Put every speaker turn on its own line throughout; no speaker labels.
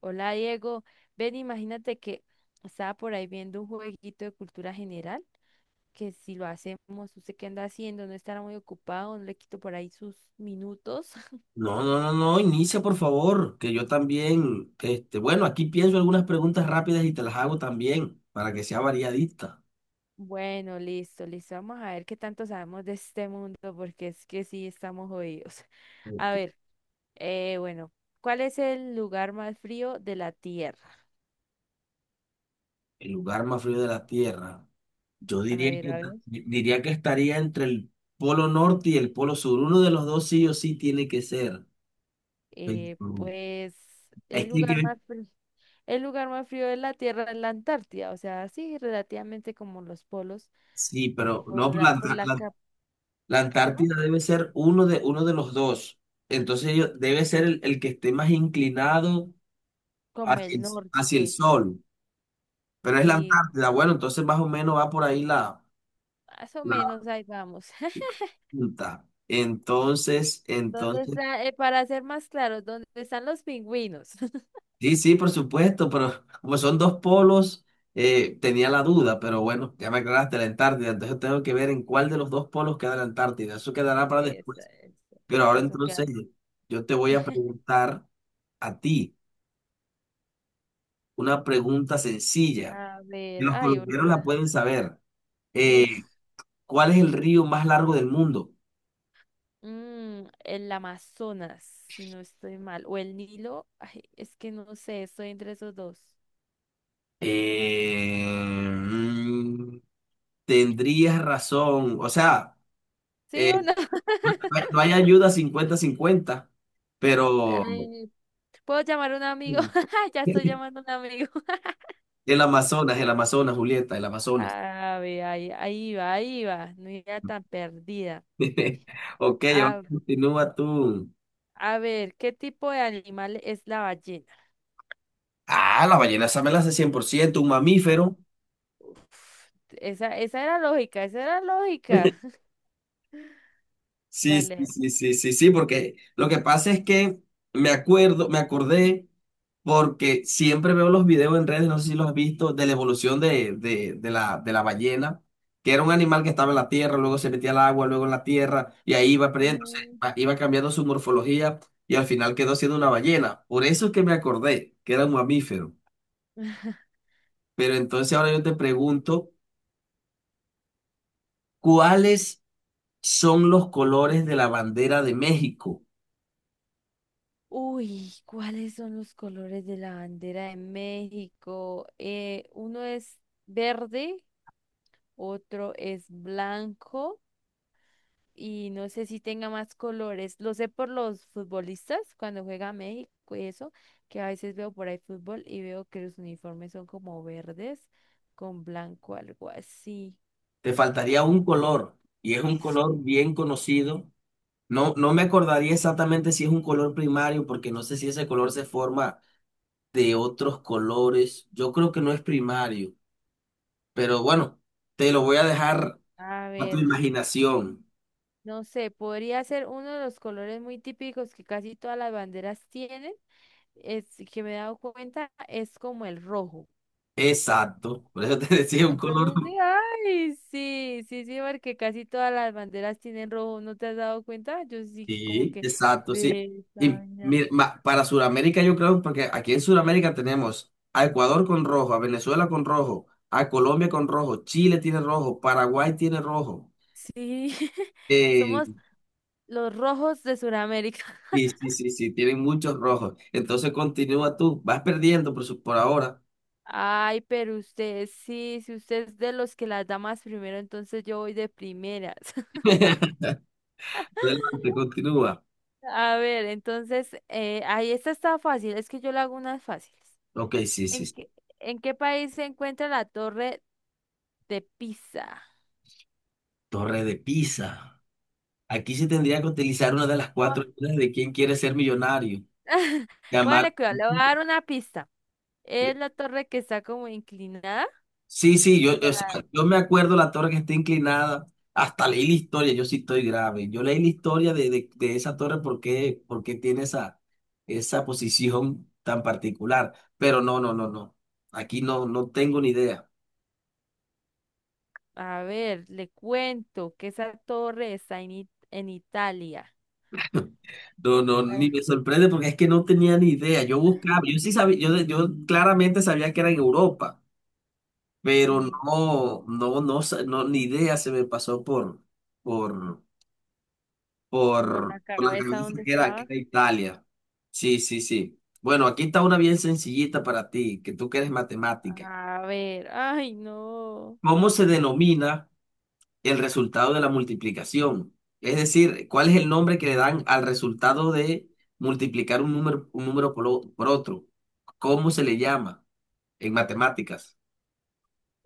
Hola Diego, ven, imagínate que estaba por ahí viendo un jueguito de cultura general, que si lo hacemos, usted qué anda haciendo, no estará muy ocupado, no le quito por ahí sus minutos.
No, no, no, no, inicia por favor, que yo también, bueno, aquí pienso algunas preguntas rápidas y te las hago también, para que sea variadita.
Bueno, listo, listo, vamos a ver qué tanto sabemos de este mundo, porque es que sí estamos jodidos. A
Ok.
ver, bueno, ¿cuál es el lugar más frío de la Tierra?
El lugar más frío de la Tierra, yo
A
diría
ver,
que,
a ver.
diría que estaría entre el polo norte y el polo sur, uno de los dos sí o sí tiene que ser. Pero,
Pues
Es
el
que,
lugar
que-
más frío de la Tierra es la Antártida, o sea, sí, relativamente como los polos,
sí,
pues
pero no, La
¿cómo?
Antártida debe ser uno de los dos, entonces debe ser el que esté más inclinado
Como
hacia
el
el- hacia el
norte,
sol. Pero es la
sí,
Antártida, bueno, entonces más o menos va por ahí
más o
la
menos ahí vamos.
punta. Entonces,
¿Dónde
entonces,
está, para ser más claros, dónde están los pingüinos?
sí, sí, por supuesto, pero como son dos polos, tenía la duda, pero bueno, ya me aclaraste la Antártida, entonces tengo que ver en cuál de los dos polos queda la Antártida, eso quedará para
Eso,
después.
eso,
Pero ahora
eso que,
entonces
hay.
yo te voy a preguntar a ti una pregunta sencilla,
A
que
ver,
los
ay,
colombianos la
ahorita,
pueden saber.
uf.
Eh, ¿Cuál es el río más largo del mundo?
Mm, el Amazonas, si no estoy mal, o el Nilo, ay, es que no sé, estoy entre esos dos.
Eh, mm, tendrías razón. O sea,
¿Sí
eh,
o no?
no hay ayuda 50-50, pero
Ay, ¿puedo llamar a un amigo? Ya estoy llamando a un amigo.
el Amazonas, Julieta, el Amazonas.
A ver, ahí, ahí va, ahí va. No era tan perdida.
Ok, ahora
A,
continúa tú.
a ver, ¿qué tipo de animal es la ballena?
Ah, la ballena esa me la hace 100%, un mamífero.
Uf, esa era lógica, esa era lógica.
Sí, sí,
Dale.
sí, sí, sí, sí, porque lo que pasa es que me acordé, porque siempre veo los videos en redes, no sé si los has visto, de la evolución de la ballena, que era un animal que estaba en la tierra, luego se metía al agua, luego en la tierra, y ahí iba perdiendo, o sea,
Mm.
iba cambiando su morfología y al final quedó siendo una ballena. Por eso es que me acordé que era un mamífero. Pero entonces ahora yo te pregunto, ¿cuáles son los colores de la bandera de México?
Uy, ¿cuáles son los colores de la bandera de México? Uno es verde, otro es blanco, y no sé si tenga más colores. Lo sé por los futbolistas cuando juega México y eso, que a veces veo por ahí fútbol y veo que los uniformes son como verdes con blanco, algo así.
Te faltaría un color y es un color bien conocido. No, no me acordaría exactamente si es un color primario porque no sé si ese color se forma de otros colores. Yo creo que no es primario, pero bueno, te lo voy a dejar
A
a tu
ver,
imaginación.
no sé, podría ser uno de los colores muy típicos que casi todas las banderas tienen. Es que me he dado cuenta, es como el rojo.
Exacto, por eso te decía un color.
Entonces, sí, ay, sí, sí, sí, porque casi todas las banderas tienen rojo, ¿no te has dado cuenta? Yo sí, como
Sí,
que
exacto, sí.
de esta
Y
vaina.
mira, para Sudamérica yo creo, porque aquí en Sudamérica tenemos a Ecuador con rojo, a Venezuela con rojo, a Colombia con rojo, Chile tiene rojo, Paraguay tiene rojo.
Sí,
Eh,
somos los rojos de Sudamérica.
sí, sí, sí, sí, tienen muchos rojos. Entonces continúa tú, vas perdiendo por ahora.
Ay, pero usted, sí, si usted es de los que las da más primero, entonces yo voy de primeras.
Adelante, continúa.
A ver, entonces, ahí esta está fácil, es que yo le hago unas fáciles.
Ok, sí, sí,
¿En
sí.
qué, ¿en qué país se encuentra la Torre de Pisa?
Torre de Pisa. Aquí se tendría que utilizar una de las cuatro reglas de quién quiere ser millonario. Llamar.
Póngale cuidado, le voy a dar una pista. Es la torre que está como inclinada.
Sí, sí, o sea, yo me acuerdo la torre que está inclinada, hasta leí la historia, yo sí estoy grave. Yo leí la historia de esa torre porque tiene esa posición tan particular. Pero no, no, no, no. Aquí no, no tengo ni idea.
A ver, le cuento que esa torre está en, en Italia.
No, no, ni
Para-
me sorprende porque es que no tenía ni idea. Yo buscaba, yo sí sabía, yo claramente sabía que era en Europa, pero
Sí,
no, no, no, no, ni idea se me pasó por,
por la
por la
cabeza
cabeza
donde
que
estaba.
era Italia. Sí, sí, sí. Bueno, aquí está una bien sencillita para ti, que tú que eres matemática.
A ver, ay, no.
¿Cómo se denomina el resultado de la multiplicación? Es decir, ¿cuál es el nombre que le dan al resultado de multiplicar un número por otro? ¿Cómo se le llama en matemáticas?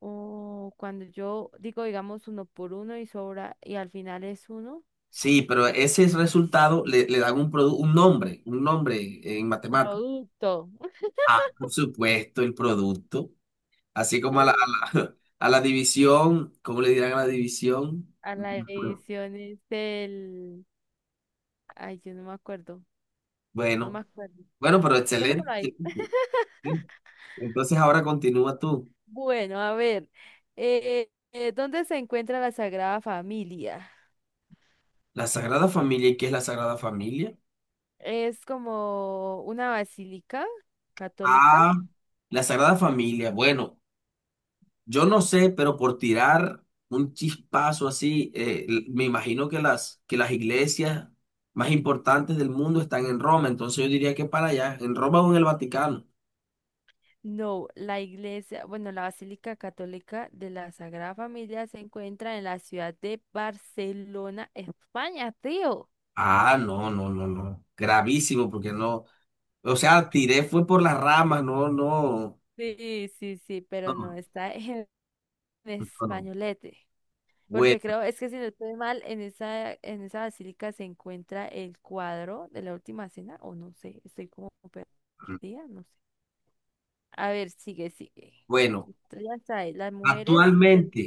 Oh, cuando yo digo, digamos, uno por uno y sobra, y al final es uno,
Sí, pero ese resultado le dan un nombre en matemáticas.
producto.
Ah, por supuesto, el producto. Así como a la división, ¿cómo le dirán a la división?
A la edición es del... Ay, yo no me acuerdo, no me
Bueno,
acuerdo.
bueno, pero
Dejémoslo
excelente.
ahí.
Excelente. Sí. Entonces ahora continúa tú.
Bueno, a ver, ¿dónde se encuentra la Sagrada Familia?
La Sagrada Familia, ¿y qué es la Sagrada Familia?
Es como una basílica católica.
Ah, la Sagrada Familia. Bueno, yo no sé, pero por tirar un chispazo así, me imagino que que las iglesias más importantes del mundo están en Roma, entonces yo diría que para allá, en Roma o en el Vaticano.
No, la iglesia, bueno, la Basílica Católica de la Sagrada Familia se encuentra en la ciudad de Barcelona, España, tío.
Ah, no, no, no, no. Gravísimo, porque no. O sea, tiré fue por las ramas, no, no,
Sí, sí, sí, pero no
no,
está en
no, no.
españolete. Porque
Bueno,
creo, es que si no estoy mal, en esa basílica se encuentra el cuadro de la última cena, o no sé, estoy como perdida, no sé. A ver, sigue, sigue.
bueno,
Entonces, ya sabes, las mujeres, el
actualmente,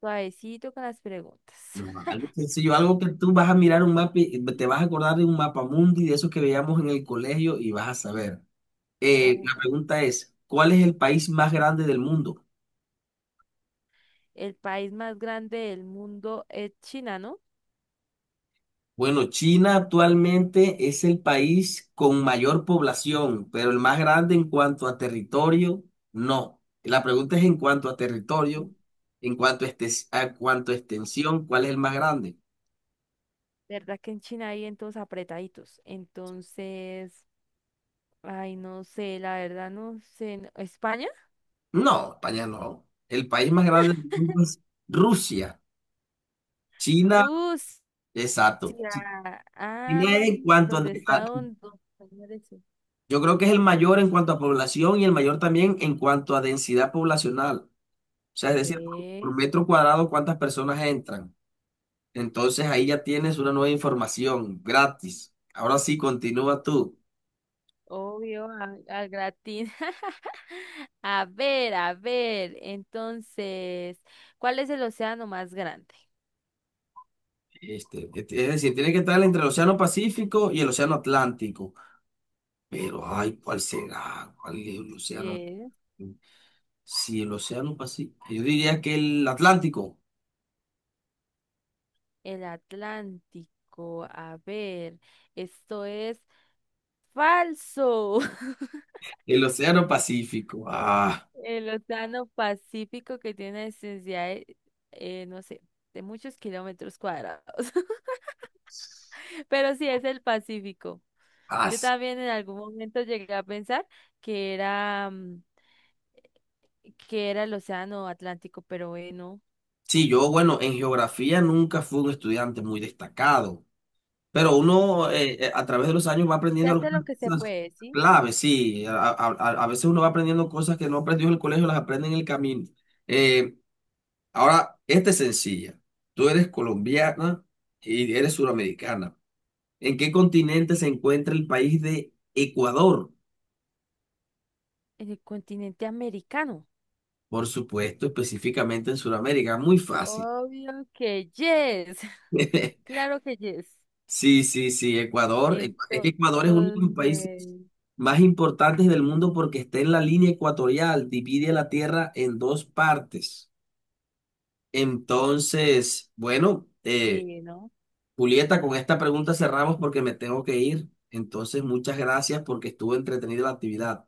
suavecito con las preguntas.
no, algo sencillo, algo que tú vas a mirar un mapa, y te vas a acordar de un mapa mundi de esos que veíamos en el colegio y vas a saber. La
Uf,
pregunta es, ¿cuál es el país más grande del mundo?
el país más grande del mundo es China, ¿no?
Bueno, China actualmente es el país con mayor población, pero el más grande en cuanto a territorio, no. La pregunta es en cuanto a
Mm.
territorio, en cuanto a, estes- a cuanto a extensión, ¿cuál es el más grande?
¿Verdad que en China hay todos apretaditos? Entonces, ay, no sé, la verdad no sé. ¿No? ¿España?
No, España no. El país más grande del mundo es Rusia. China,
Rusia.
exacto.
Ya
China
ah,
en cuanto
donde
a-
está un dos señores.
yo creo que es el mayor en cuanto a población y el mayor también en cuanto a densidad poblacional. O sea, es decir, por
Ve,
metro cuadrado, ¿cuántas personas entran? Entonces ahí ya tienes una nueva información gratis. Ahora sí, continúa tú.
obvio, al gratín. A ver, a ver. Entonces, ¿cuál es el océano más grande?
Es decir, tiene que estar entre el Océano Pacífico y el Océano Atlántico. Pero, ay, ¿cuál será? ¿Cuál es el océano?
Yes,
Si el Océano Pacífico. Yo diría que el Atlántico.
el Atlántico. A ver, esto es falso.
El Océano Pacífico.
El océano Pacífico que tiene una extensidad de, no sé, de muchos kilómetros cuadrados. Pero sí es el Pacífico. Yo
As-
también en algún momento llegué a pensar que era, mm, que era el océano Atlántico, pero bueno,
Sí, yo, bueno, en geografía nunca fui un estudiante muy destacado. Pero uno a través de los años va
se
aprendiendo
hace lo
algunas
que se
cosas
puede, ¿sí?
claves, sí. A veces uno va aprendiendo cosas que no aprendió en el colegio, las aprende en el camino. Eh, ahora, esta es sencilla. Tú eres colombiana y eres suramericana. ¿En qué continente se encuentra el país de Ecuador?
En el continente americano.
Por supuesto, específicamente en Sudamérica. Muy fácil.
Obvio que yes, claro que yes.
Sí, sí, sí, Ecuador. Es que Ecuador es uno de
Entonces,
los países más importantes del mundo porque está en la línea ecuatorial, divide la tierra en dos partes. Entonces,
sí, ¿no?
Julieta, con esta pregunta cerramos porque me tengo que ir. Entonces, muchas gracias porque estuvo entretenida la actividad.